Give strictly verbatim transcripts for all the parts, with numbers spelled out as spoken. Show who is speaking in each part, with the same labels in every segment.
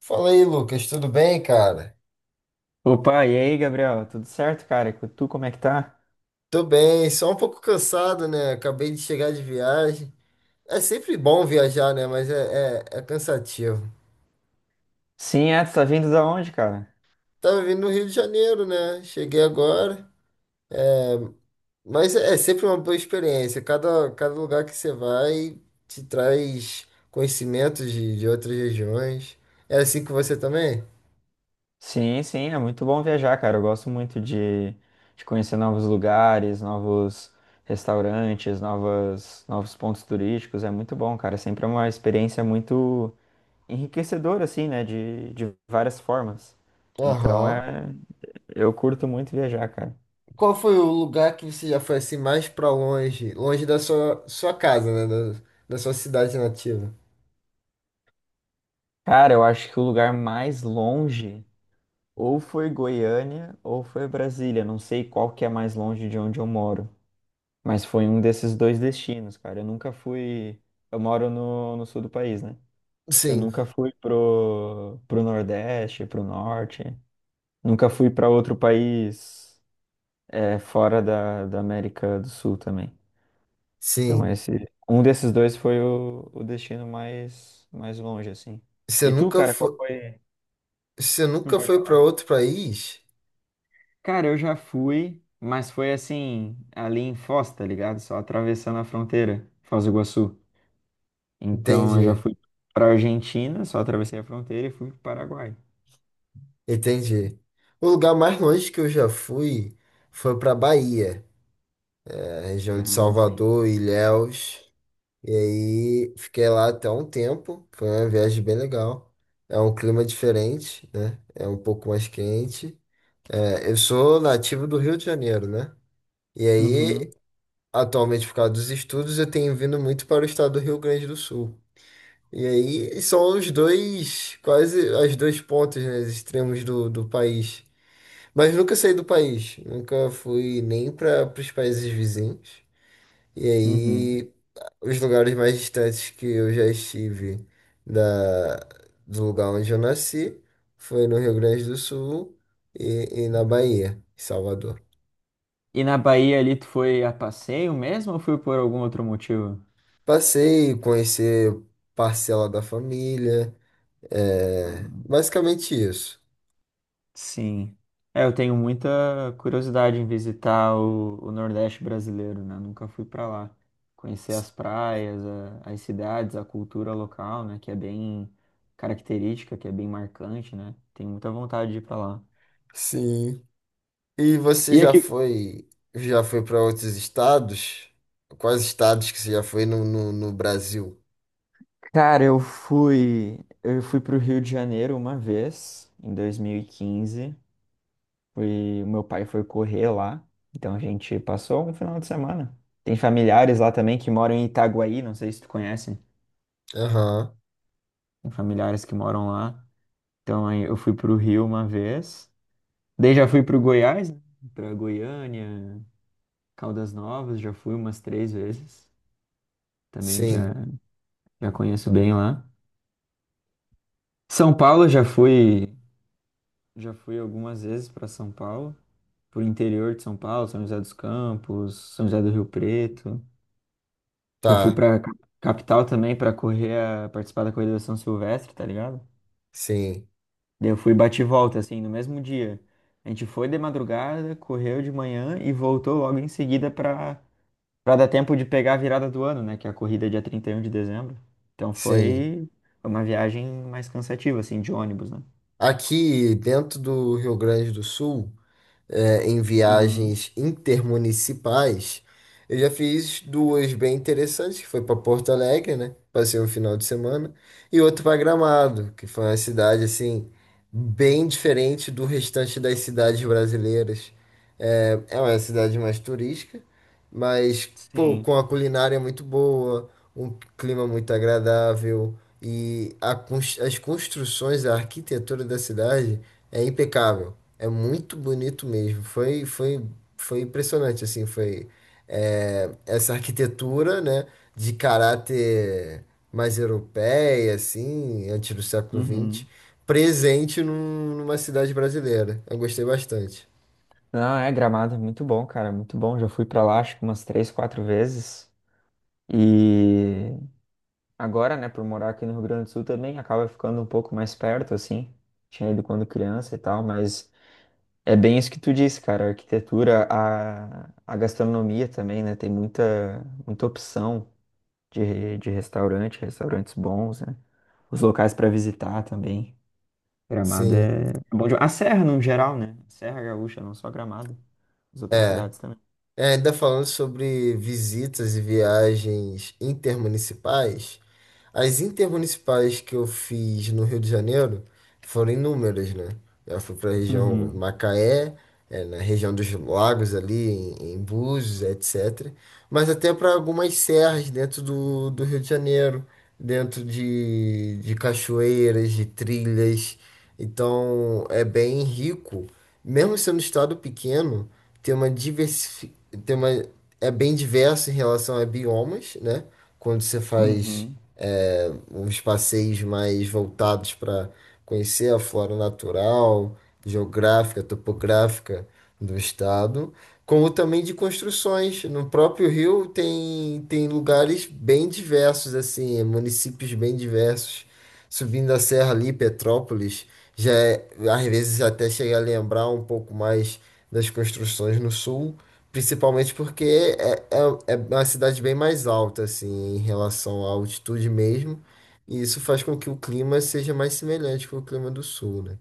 Speaker 1: Fala aí, Lucas, tudo bem, cara?
Speaker 2: Opa, e aí, Gabriel? Tudo certo, cara? E tu, como é que tá?
Speaker 1: Tô bem, só um pouco cansado, né? Acabei de chegar de viagem. É sempre bom viajar, né? Mas é, é, é cansativo.
Speaker 2: Sim, é, tu tá vindo da onde, cara?
Speaker 1: Tava vindo no Rio de Janeiro, né? Cheguei agora. Mas é, é sempre uma boa experiência. Cada, cada lugar que você vai te traz conhecimentos de, de outras regiões. É assim com você também?
Speaker 2: Sim, sim, é muito bom viajar, cara. Eu gosto muito de, de conhecer novos lugares, novos restaurantes, novas, novos pontos turísticos. É muito bom, cara. Sempre é uma experiência muito enriquecedora, assim, né? De, de várias formas. Então,
Speaker 1: Aham.
Speaker 2: é, eu curto muito viajar, cara.
Speaker 1: Qual foi o lugar que você já foi assim mais pra longe? Longe da sua, sua casa, né? Da, da sua cidade nativa.
Speaker 2: Cara, eu acho que o lugar mais longe. Ou foi Goiânia ou foi Brasília. Não sei qual que é mais longe de onde eu moro. Mas foi um desses dois destinos, cara. Eu nunca fui. Eu moro no, no sul do país, né? Eu
Speaker 1: Sim.
Speaker 2: nunca fui pro, pro Nordeste, pro Norte. Nunca fui para outro país é, fora da, da América do Sul também. Então,
Speaker 1: Sim.
Speaker 2: esse, um desses dois foi o, o destino mais, mais longe, assim.
Speaker 1: Você
Speaker 2: E tu,
Speaker 1: nunca
Speaker 2: cara, qual
Speaker 1: foi,
Speaker 2: foi?
Speaker 1: você
Speaker 2: Não
Speaker 1: nunca
Speaker 2: pode
Speaker 1: foi para
Speaker 2: falar.
Speaker 1: outro país?
Speaker 2: Cara, eu já fui, mas foi assim, ali em Foz, tá ligado? Só atravessando a fronteira, Foz do Iguaçu. Então eu já
Speaker 1: Entendi,
Speaker 2: fui pra Argentina, só atravessei a fronteira e fui pro Paraguai.
Speaker 1: entendi. O lugar mais longe que eu já fui foi para Bahia, a região de
Speaker 2: Ah, sim.
Speaker 1: Salvador, Ilhéus. E aí fiquei lá até um tempo. Foi uma viagem bem legal. É um clima diferente, né? É um pouco mais quente. É, eu sou nativo do Rio de Janeiro, né? E aí,
Speaker 2: Uhum,
Speaker 1: atualmente, por causa dos estudos, eu tenho vindo muito para o estado do Rio Grande do Sul. E aí são os dois, quase as dois pontas, né, os extremos do, do país. Mas nunca saí do país, nunca fui nem para os países vizinhos. E
Speaker 2: uhum.
Speaker 1: aí os lugares mais distantes que eu já estive da, do lugar onde eu nasci foi no Rio Grande do Sul e, e na Bahia, em Salvador.
Speaker 2: E na Bahia ali, tu foi a passeio mesmo ou foi por algum outro motivo?
Speaker 1: Passei, conhecer parcela da família, é, basicamente isso.
Speaker 2: Sim. É, eu tenho muita curiosidade em visitar o, o Nordeste brasileiro, né? Nunca fui para lá. Conhecer as praias, a- as cidades, a cultura local, né? Que é bem característica, que é bem marcante, né? Tenho muita vontade de ir para lá.
Speaker 1: Sim. E você
Speaker 2: E
Speaker 1: já
Speaker 2: aqui,
Speaker 1: foi, já foi para outros estados? Quais estados que você já foi no, no, no Brasil?
Speaker 2: cara, eu fui, eu fui pro Rio de Janeiro uma vez, em dois mil e quinze. Fui, meu pai foi correr lá, então a gente passou um final de semana. Tem familiares lá também que moram em Itaguaí, não sei se tu conhece.
Speaker 1: Aham,
Speaker 2: Tem familiares que moram lá. Então aí eu fui pro Rio uma vez. Daí já fui pro Goiás, né? Pra Goiânia, Caldas Novas, já fui umas três vezes. Também já,
Speaker 1: sim,
Speaker 2: já conheço bem lá. São Paulo já fui, já fui algumas vezes para São Paulo, pro interior de São Paulo, São José dos Campos, São José do Rio Preto. Já fui
Speaker 1: tá,
Speaker 2: pra ca- Capital também para correr, a, participar da corrida da São Silvestre, tá ligado?
Speaker 1: sim,
Speaker 2: Daí eu fui bate e volta, assim, no mesmo dia. A gente foi de madrugada, correu de manhã e voltou logo em seguida para para dar tempo de pegar a virada do ano, né? Que é a corrida é dia trinta e um de dezembro. Então
Speaker 1: sim.
Speaker 2: foi uma viagem mais cansativa, assim, de ônibus, né?
Speaker 1: Aqui dentro do Rio Grande do Sul, é, em
Speaker 2: Uhum.
Speaker 1: viagens intermunicipais, eu já fiz duas bem interessantes, que foi para Porto Alegre, né? Passei um final de semana, e outra para Gramado, que foi uma cidade assim bem diferente do restante das cidades brasileiras. É, é uma cidade mais turística, mas pô,
Speaker 2: Sim.
Speaker 1: com a culinária muito boa, um clima muito agradável e a cons- as construções, a arquitetura da cidade é impecável. É muito bonito mesmo. Foi, foi, foi impressionante, assim, foi é, essa arquitetura, né, de caráter mais europeia, assim, antes do século vinte
Speaker 2: Uhum.
Speaker 1: presente num- numa cidade brasileira. Eu gostei bastante.
Speaker 2: Não, é Gramado, é muito bom, cara, muito bom. Já fui pra lá, acho que umas três, quatro vezes. E agora, né, por morar aqui no Rio Grande do Sul também, acaba ficando um pouco mais perto, assim. Tinha ido quando criança e tal, mas é bem isso que tu disse, cara. A arquitetura, a, a gastronomia também, né? Tem muita, muita opção de, de restaurante, restaurantes bons, né? Os locais para visitar também. Gramado
Speaker 1: Sim,
Speaker 2: é bom demais. A Serra, no geral, né? Serra Gaúcha, não só Gramado. As outras
Speaker 1: é.
Speaker 2: cidades também.
Speaker 1: É, ainda falando sobre visitas e viagens intermunicipais, as intermunicipais que eu fiz no Rio de Janeiro foram inúmeras, né? Eu fui para a região
Speaker 2: Uhum,
Speaker 1: Macaé, eh, na região dos lagos ali, em, em Búzios, et cetera. Mas até para algumas serras dentro do, do Rio de Janeiro, dentro de, de cachoeiras, de trilhas. Então é bem rico. Mesmo sendo um estado pequeno, tem uma diversi... tem uma... é bem diverso em relação a biomas, né? Quando você faz
Speaker 2: uhum,
Speaker 1: é, uns passeios mais voltados para conhecer a flora natural, geográfica, topográfica do estado, como também de construções. No próprio Rio tem, tem lugares bem diversos, assim, é, municípios bem diversos. Subindo a serra ali, Petrópolis, já é- às vezes até chega a lembrar um pouco mais das construções no sul. Principalmente porque é, é, é uma cidade bem mais alta, assim, em relação à altitude mesmo. E isso faz com que o clima seja mais semelhante com o clima do sul, né?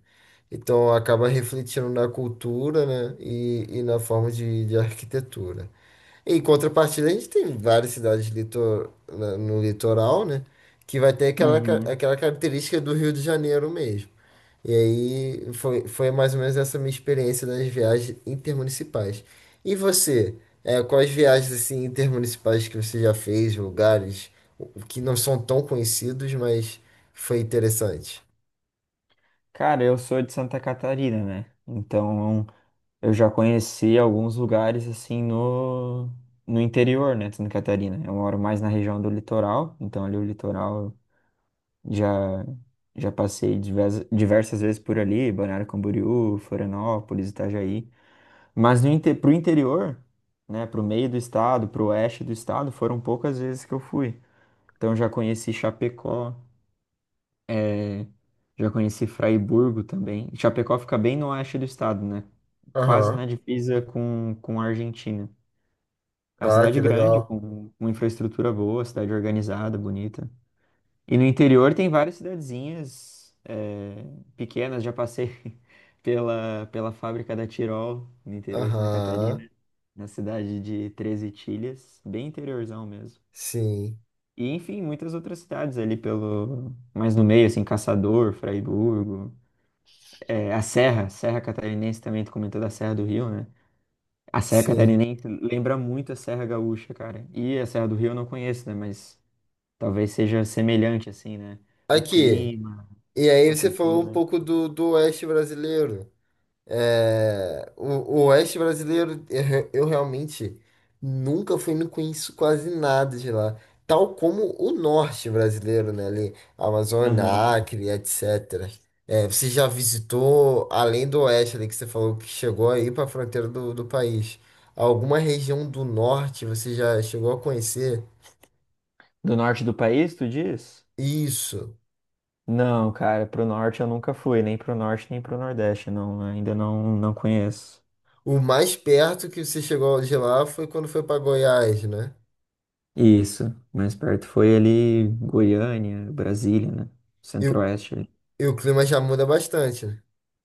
Speaker 1: Então acaba refletindo na cultura, né? E, e na forma de, de arquitetura. Em contrapartida, a gente tem várias cidades litor, na- no litoral, né? Que vai ter aquela, ca-
Speaker 2: uhum.
Speaker 1: aquela característica do Rio de Janeiro mesmo. E aí foi, foi mais ou menos essa minha experiência das viagens intermunicipais. E você, é, quais viagens assim intermunicipais que você já fez, lugares que não são tão conhecidos, mas foi interessante?
Speaker 2: Cara, eu sou de Santa Catarina, né? Então, eu já conheci alguns lugares assim no, no interior, né, de Santa Catarina. Eu moro mais na região do litoral, então ali o litoral eu já já passei diversas, diversas vezes por ali, Balneário Camboriú, Florianópolis, Itajaí. Mas no inte, Pro interior, né, pro meio do estado, pro oeste do estado, foram poucas vezes que eu fui. Então eu já conheci Chapecó, já conheci Fraiburgo também. Chapecó fica bem no oeste do estado, né? Quase
Speaker 1: Aham.
Speaker 2: na divisa com, com a Argentina. É uma
Speaker 1: Ah, que
Speaker 2: cidade grande,
Speaker 1: legal.
Speaker 2: com uma infraestrutura boa, cidade organizada, bonita. E no interior tem várias cidadezinhas eh, pequenas. Já passei pela, pela fábrica da Tirol, no interior de Santa
Speaker 1: Aham,
Speaker 2: Catarina, na cidade de Treze Itilhas, bem interiorzão mesmo.
Speaker 1: sim,
Speaker 2: E, enfim, muitas outras cidades ali pelo... Mais no meio, assim, Caçador, Fraiburgo. Eh, a Serra, Serra Catarinense também, tu comentou da Serra do Rio, né? A Serra
Speaker 1: sim.
Speaker 2: Catarinense lembra muito a Serra Gaúcha, cara. E a Serra do Rio eu não conheço, né? Mas talvez seja semelhante, assim, né? O
Speaker 1: Aqui,
Speaker 2: clima,
Speaker 1: e
Speaker 2: a
Speaker 1: aí você falou um
Speaker 2: cultura.
Speaker 1: pouco do, do Oeste brasileiro. É, o, o Oeste brasileiro, eu, re- eu realmente nunca fui, não conheço quase nada de lá. Tal como o Norte brasileiro, né? Ali, Amazônia,
Speaker 2: Aham.
Speaker 1: Acre, et cetera. É, você já visitou, além do Oeste ali que você falou que chegou aí para a fronteira do, do país, alguma região do Norte você já chegou a conhecer?
Speaker 2: Do norte do país, tu diz?
Speaker 1: Isso.
Speaker 2: Não, cara, pro norte eu nunca fui, nem pro norte nem pro nordeste, não, ainda não, não conheço.
Speaker 1: O mais perto que você chegou de lá foi quando foi para Goiás, né?
Speaker 2: Isso, mais perto foi ali Goiânia, Brasília, né?
Speaker 1: E, o-
Speaker 2: Centro-Oeste ali.
Speaker 1: e o clima já muda bastante, né?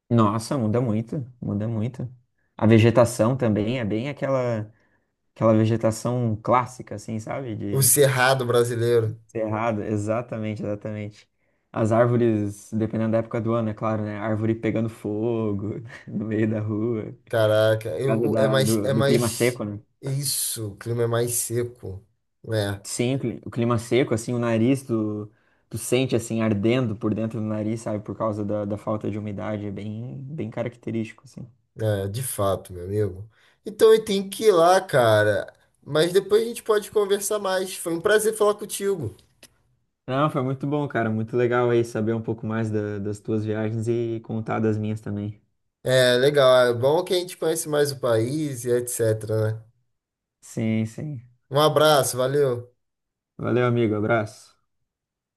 Speaker 2: Nossa, muda muito, muda muito. A vegetação também é bem aquela, aquela vegetação clássica, assim, sabe?
Speaker 1: O
Speaker 2: De
Speaker 1: Cerrado brasileiro.
Speaker 2: Cerrado, exatamente, exatamente. As árvores, dependendo da época do ano, é claro, né? Árvore pegando fogo no meio da rua,
Speaker 1: Caraca,
Speaker 2: por causa
Speaker 1: eu, é
Speaker 2: da,
Speaker 1: mais, é
Speaker 2: do, do clima
Speaker 1: mais.
Speaker 2: seco, né?
Speaker 1: Isso, o clima é mais seco. É,
Speaker 2: Sim, o cli- o clima seco, assim, o nariz, tu, tu sente, assim, ardendo por dentro do nariz, sabe? Por causa da, da falta de umidade, é bem, bem característico, assim.
Speaker 1: é, de fato, meu amigo. Então eu tenho que ir lá, cara. Mas depois a gente pode conversar mais. Foi um prazer falar contigo.
Speaker 2: Não, foi muito bom, cara, muito legal aí saber um pouco mais da- das tuas viagens e contar das minhas também.
Speaker 1: É, legal. É bom que a gente conhece mais o país e etc, né?
Speaker 2: Sim, sim.
Speaker 1: Um abraço, valeu.
Speaker 2: Valeu, amigo, abraço.